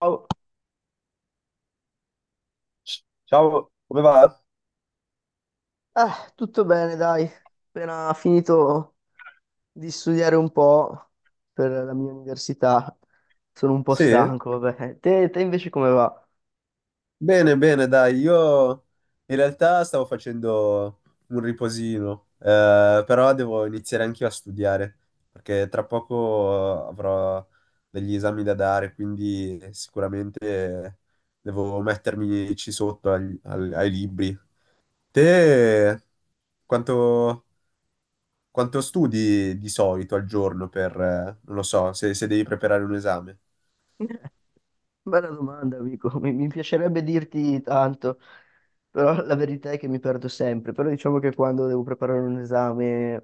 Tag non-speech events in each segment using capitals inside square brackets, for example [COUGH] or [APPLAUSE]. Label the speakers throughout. Speaker 1: Ciao.
Speaker 2: Ciao, come va?
Speaker 1: Tutto bene, dai. Appena finito di studiare un po' per la mia università, sono un po'
Speaker 2: Sì?
Speaker 1: stanco, vabbè. Te invece come va?
Speaker 2: Bene, bene, dai, io in realtà stavo facendo un riposino, però devo iniziare anch'io a studiare, perché tra poco avrò degli esami da dare, quindi sicuramente devo mettermi ci sotto ai libri. Te quanto, quanto studi di solito al giorno per, non lo so, se devi preparare un esame?
Speaker 1: Bella domanda, amico. Mi piacerebbe dirti tanto, però la verità è che mi perdo sempre. Però diciamo che quando devo preparare un esame,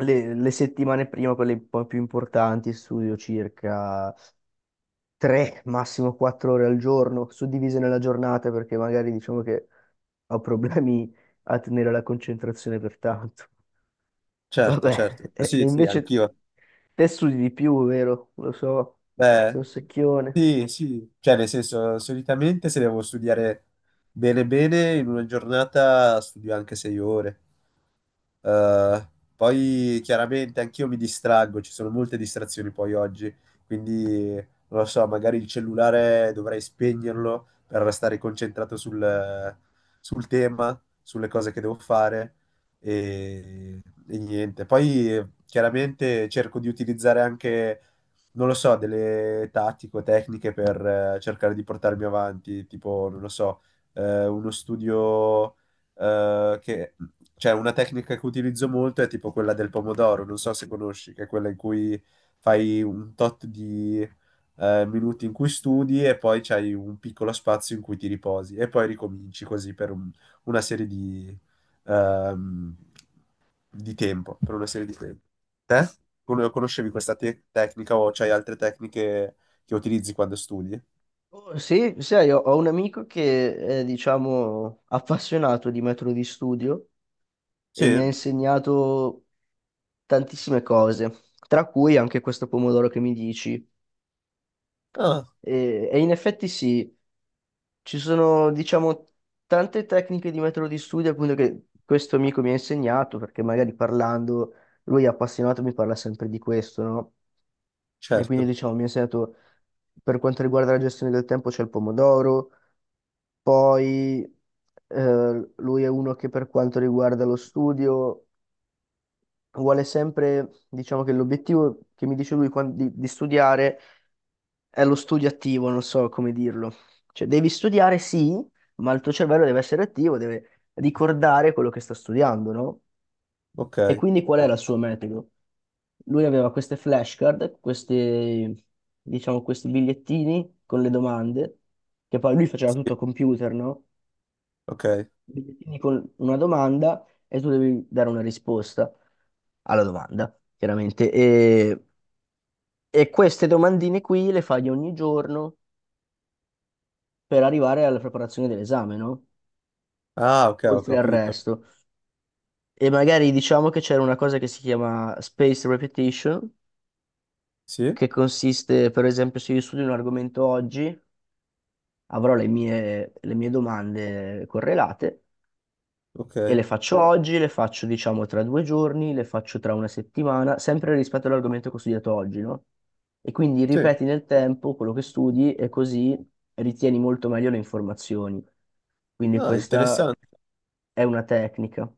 Speaker 1: le settimane prima, quelle un po' più importanti, studio circa 3, massimo 4 ore al giorno, suddivise nella giornata, perché magari diciamo che ho problemi a tenere la concentrazione per tanto.
Speaker 2: Certo,
Speaker 1: Vabbè,
Speaker 2: certo.
Speaker 1: e
Speaker 2: Sì,
Speaker 1: e
Speaker 2: sì,
Speaker 1: invece
Speaker 2: anch'io.
Speaker 1: te studi di più, vero? Lo so,
Speaker 2: Beh,
Speaker 1: sei un secchione.
Speaker 2: sì, sì, cioè nel senso, solitamente se devo studiare bene bene, in una giornata studio anche 6 ore. Eh, Poi chiaramente anch'io mi distraggo, ci sono molte distrazioni poi oggi, quindi non lo so, magari il cellulare dovrei spegnerlo per restare concentrato sul tema, sulle cose che devo fare e, e niente. Poi chiaramente cerco di utilizzare anche, non lo so, delle tattiche o tecniche per cercare di portarmi avanti, tipo, non lo so, uno studio che cioè una tecnica che utilizzo molto è tipo quella del pomodoro, non so se conosci, che è quella in cui fai un tot di minuti in cui studi e poi c'hai un piccolo spazio in cui ti riposi e poi ricominci così per una serie ehm, di tempo, per una serie di tempo. Te? Conoscevi questa tecnica o c'hai altre tecniche che utilizzi quando studi?
Speaker 1: Oh, sì, sai, ho un amico che è, diciamo, appassionato di metodo di studio e mi
Speaker 2: Sì?
Speaker 1: ha insegnato tantissime cose, tra cui anche questo pomodoro che mi dici.
Speaker 2: Ah,
Speaker 1: E in effetti sì, ci sono, diciamo, tante tecniche di metodo di studio, appunto, che questo amico mi ha insegnato, perché magari parlando, lui è appassionato, mi parla sempre di questo, no? E quindi,
Speaker 2: certo.
Speaker 1: diciamo, mi ha insegnato, per quanto riguarda la gestione del tempo, c'è il pomodoro, poi lui è uno che per quanto riguarda lo studio, vuole sempre, diciamo che l'obiettivo che mi dice lui di studiare è lo studio attivo, non so come dirlo. Cioè, devi studiare, sì, ma il tuo cervello deve essere attivo, deve ricordare quello che sta studiando, no?
Speaker 2: Ok.
Speaker 1: E quindi qual era il suo metodo? Lui aveva queste flashcard, questi, diciamo, questi bigliettini con le domande, che poi lui faceva
Speaker 2: Sì,
Speaker 1: tutto a computer, no?
Speaker 2: ok.
Speaker 1: Bigliettini con una domanda e tu devi dare una risposta alla domanda, chiaramente. E queste domandine qui le fai ogni giorno per arrivare alla preparazione dell'esame, no?
Speaker 2: Ah, ok, ho
Speaker 1: Oltre al
Speaker 2: capito.
Speaker 1: resto. E magari diciamo che c'era una cosa che si chiama spaced repetition,
Speaker 2: Sì?
Speaker 1: che consiste, per esempio, se io studio un argomento oggi, avrò le mie domande correlate e
Speaker 2: Ok.
Speaker 1: le faccio oggi, le faccio diciamo tra due giorni, le faccio tra una settimana, sempre rispetto all'argomento che ho studiato oggi, no? E quindi
Speaker 2: Sì.
Speaker 1: ripeti nel tempo quello che studi e così ritieni molto meglio le informazioni. Quindi
Speaker 2: Ah,
Speaker 1: questa
Speaker 2: interessante.
Speaker 1: è una tecnica.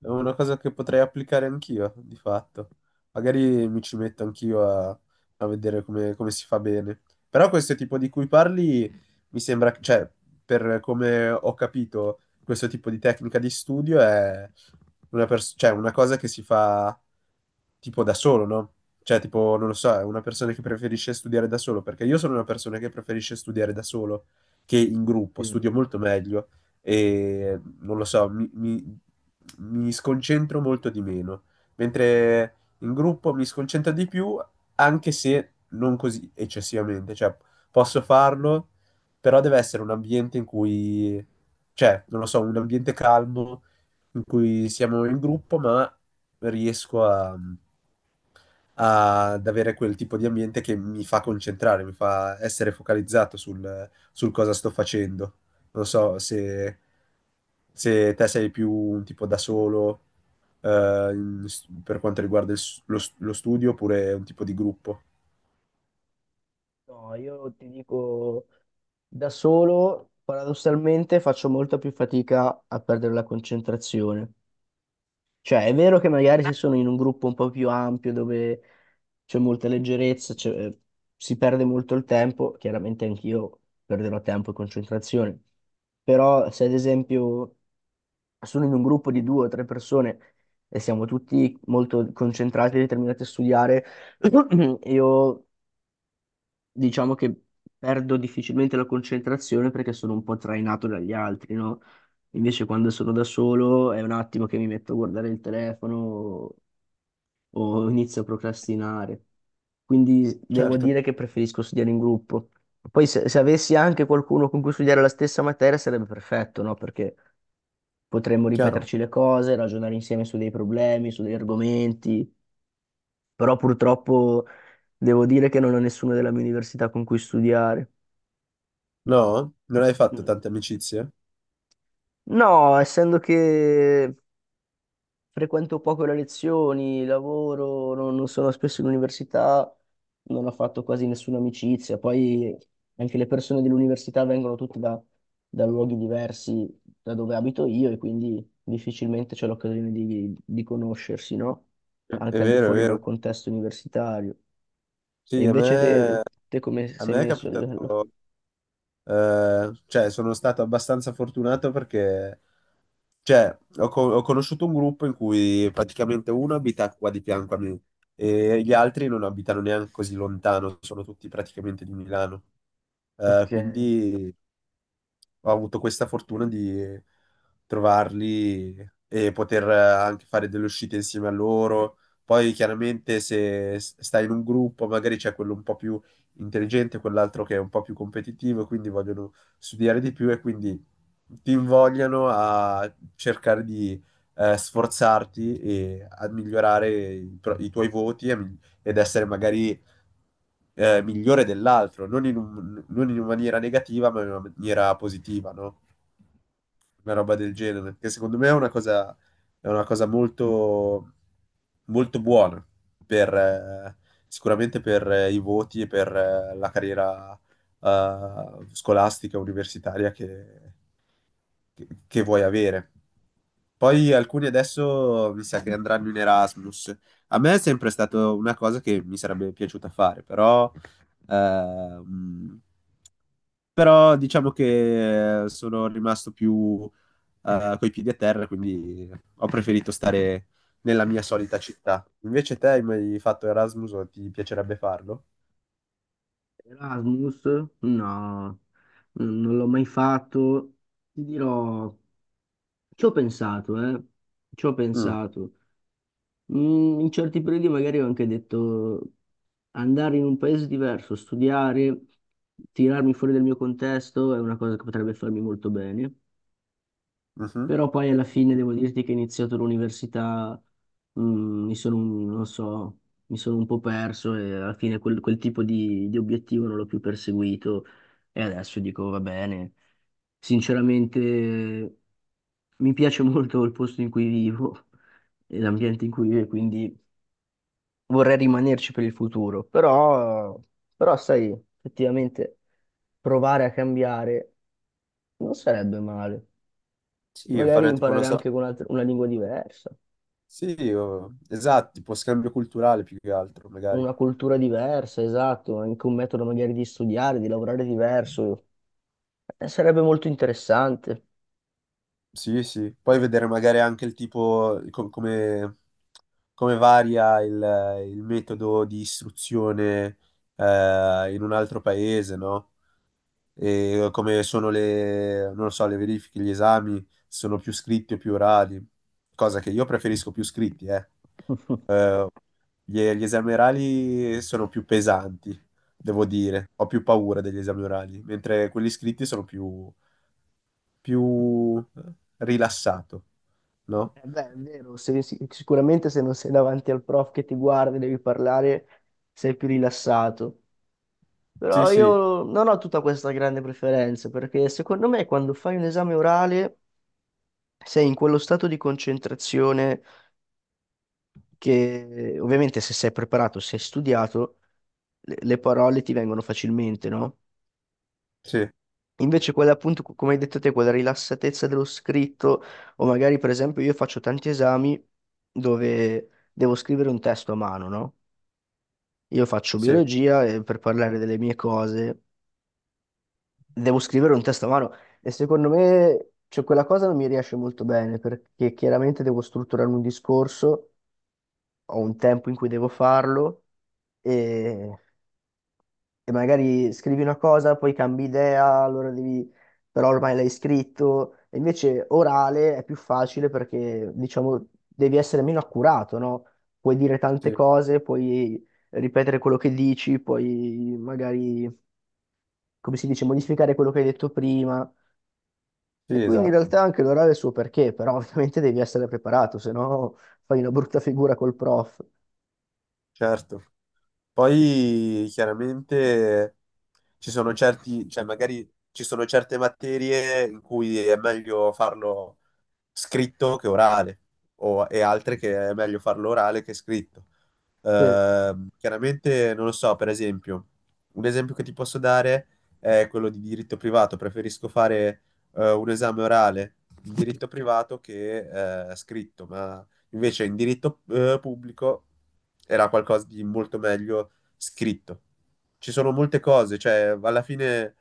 Speaker 2: È una cosa che potrei applicare anch'io, di fatto. Magari mi ci metto anch'io a vedere come si fa bene. Però questo tipo di cui parli mi sembra, cioè, per come ho capito, questo tipo di tecnica di studio è cioè, una cosa che si fa tipo da solo, no? Cioè, tipo, non lo so, è una persona che preferisce studiare da solo, perché io sono una persona che preferisce studiare da solo che in gruppo,
Speaker 1: Sì.
Speaker 2: studio molto meglio e non lo so, mi sconcentro molto di meno, mentre in gruppo mi sconcentro di più, anche se non così eccessivamente, cioè posso farlo, però deve essere un ambiente in cui, cioè, non lo so, un ambiente calmo in cui siamo in gruppo, ma riesco a ad avere quel tipo di ambiente che mi fa concentrare, mi fa essere focalizzato sul cosa sto facendo. Non so se te sei più un tipo da solo, eh, in- per quanto riguarda lo studio, oppure un tipo di gruppo.
Speaker 1: No, io ti dico, da solo, paradossalmente, faccio molta più fatica a perdere la concentrazione. Cioè, è vero che magari se sono in un gruppo un po' più ampio, dove c'è molta leggerezza, si perde molto il tempo, chiaramente anch'io perderò tempo e concentrazione, però se ad esempio sono in un gruppo di due o tre persone e siamo tutti molto concentrati e determinati a studiare, [CLEARS THROAT] io diciamo che perdo difficilmente la concentrazione perché sono un po' trainato dagli altri, no? Invece quando sono da solo è un attimo che mi metto a guardare il telefono o inizio a procrastinare, quindi devo
Speaker 2: Certo,
Speaker 1: dire che preferisco studiare in gruppo. Poi se avessi anche qualcuno con cui studiare la stessa materia sarebbe perfetto, no? Perché potremmo
Speaker 2: chiaro.
Speaker 1: ripeterci le cose, ragionare insieme su dei problemi, su degli argomenti, però purtroppo devo dire che non ho nessuno della mia università con cui studiare.
Speaker 2: No? Non hai fatto tante amicizie?
Speaker 1: No, essendo che frequento poco le lezioni, lavoro, non sono spesso in università, non ho fatto quasi nessuna amicizia. Poi anche le persone dell'università vengono tutte da luoghi diversi da dove abito io e quindi difficilmente c'è l'occasione di conoscersi, no?
Speaker 2: È
Speaker 1: Anche al di
Speaker 2: vero, è
Speaker 1: fuori dal
Speaker 2: vero.
Speaker 1: contesto universitario. E
Speaker 2: Sì,
Speaker 1: invece te, te come
Speaker 2: a
Speaker 1: sei
Speaker 2: me è
Speaker 1: messo a livello?
Speaker 2: capitato, cioè sono stato abbastanza fortunato perché cioè, ho conosciuto un gruppo in cui praticamente uno abita qua di fianco a me e gli altri non abitano neanche così lontano, sono tutti praticamente di Milano.
Speaker 1: Ok.
Speaker 2: Quindi ho avuto questa fortuna di trovarli e poter anche fare delle uscite insieme a loro. Poi chiaramente se stai in un gruppo, magari c'è quello un po' più intelligente, quell'altro che è un po' più competitivo, quindi vogliono studiare di più e quindi ti invogliano a cercare di sforzarti e a migliorare i tuoi voti e ed essere magari migliore dell'altro, non in non in una maniera negativa, ma in una maniera positiva, no? Una roba del genere, che secondo me è una cosa molto, molto buona per, sicuramente per i voti e per la carriera scolastica, universitaria che vuoi avere. Poi alcuni adesso mi sa che andranno in Erasmus. A me è sempre stata una cosa che mi sarebbe piaciuta fare, però, ehm, però diciamo che sono rimasto più coi piedi a terra, quindi ho preferito stare nella mia solita città. Invece te hai mai fatto Erasmus o ti piacerebbe farlo?
Speaker 1: Erasmus? No, non l'ho mai fatto. Ti dirò. Ci ho pensato, ci ho
Speaker 2: Mm,
Speaker 1: pensato. Mm, in certi periodi magari ho anche detto andare in un paese diverso, studiare, tirarmi fuori dal mio contesto è una cosa che potrebbe farmi molto bene.
Speaker 2: mhm.
Speaker 1: Però poi alla fine devo dirti che ho iniziato l'università, mi sono, non so, mi sono un po' perso e alla fine quel tipo di obiettivo non l'ho più perseguito e adesso dico va bene. Sinceramente mi piace molto il posto in cui vivo e l'ambiente in cui vivo, quindi vorrei rimanerci per il futuro, però, però sai, effettivamente provare a cambiare non sarebbe male.
Speaker 2: Sì,
Speaker 1: Magari
Speaker 2: fare tipo una
Speaker 1: imparare
Speaker 2: sorta
Speaker 1: anche con una lingua diversa,
Speaker 2: sì, esatto, tipo scambio culturale più che altro, magari.
Speaker 1: una cultura diversa, esatto, anche un metodo magari di studiare, di lavorare diverso, sarebbe molto interessante.
Speaker 2: Sì, sì. Poi vedere magari anche il tipo, come varia il metodo di istruzione in un altro paese, no? E come sono le, non lo so, le verifiche, gli esami, sono più scritti o più orali, cosa che io preferisco più scritti, eh.
Speaker 1: [LAUGHS]
Speaker 2: Eh, gli esami orali sono più pesanti, devo dire. Ho più paura degli esami orali, mentre quelli scritti sono più più rilassato, no?
Speaker 1: Eh beh, è vero, sicuramente se non sei davanti al prof che ti guarda e devi parlare, sei più rilassato.
Speaker 2: Sì,
Speaker 1: Però
Speaker 2: sì,
Speaker 1: io non ho tutta questa grande preferenza, perché secondo me quando fai un esame orale sei in quello stato di concentrazione che ovviamente se sei preparato, se hai studiato, le parole ti vengono facilmente, no?
Speaker 2: sì,
Speaker 1: Invece quella appunto, come hai detto te, quella rilassatezza dello scritto, o magari per esempio io faccio tanti esami dove devo scrivere un testo a mano, no? Io faccio
Speaker 2: sì,
Speaker 1: biologia e per parlare delle mie cose devo scrivere un testo a mano e secondo me cioè, quella cosa non mi riesce molto bene perché chiaramente devo strutturare un discorso, ho un tempo in cui devo farlo e, e magari scrivi una cosa, poi cambi idea, allora devi, però ormai l'hai scritto. E invece orale è più facile perché diciamo devi essere meno accurato, no? Puoi dire tante
Speaker 2: sì,
Speaker 1: cose, puoi ripetere quello che dici, puoi magari come si dice, modificare quello che hai detto prima. E
Speaker 2: sì,
Speaker 1: quindi in
Speaker 2: esatto,
Speaker 1: realtà anche l'orale ha il suo perché, però [LAUGHS] ovviamente devi essere preparato, se no fai una brutta figura col prof.
Speaker 2: certo. Poi chiaramente ci sono cioè magari ci sono certe materie in cui è meglio farlo scritto che orale, e altre che è meglio farlo orale che scritto.
Speaker 1: Cioè,
Speaker 2: Chiaramente non lo so, per esempio, un esempio che ti posso dare è quello di diritto privato. Preferisco fare un esame orale in diritto privato che scritto, ma invece in diritto pubblico era qualcosa di molto meglio scritto. Ci sono molte cose, cioè alla fine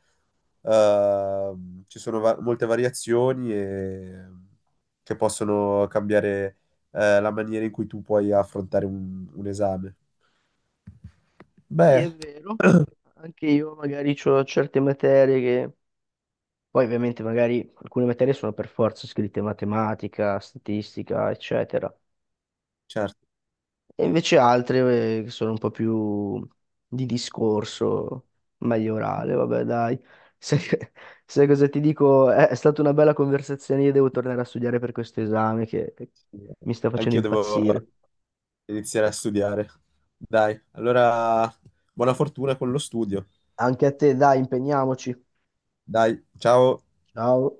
Speaker 2: ci sono molte variazioni che possono cambiare la maniera in cui tu puoi affrontare un esame.
Speaker 1: sì,
Speaker 2: Beh,
Speaker 1: è vero. Anche io magari ho certe materie che... Poi ovviamente magari alcune materie sono per forza scritte, matematica, statistica, eccetera.
Speaker 2: certo,
Speaker 1: E invece altre che sono un po' più di discorso, meglio orale, vabbè, dai. Sai, [LAUGHS] sai cosa ti dico? È stata una bella conversazione, io devo tornare a studiare per questo esame che mi sta facendo
Speaker 2: anche io devo
Speaker 1: impazzire.
Speaker 2: iniziare a studiare. Dai, allora buona fortuna con lo studio.
Speaker 1: Anche a te, dai, impegniamoci.
Speaker 2: Dai, ciao.
Speaker 1: Ciao.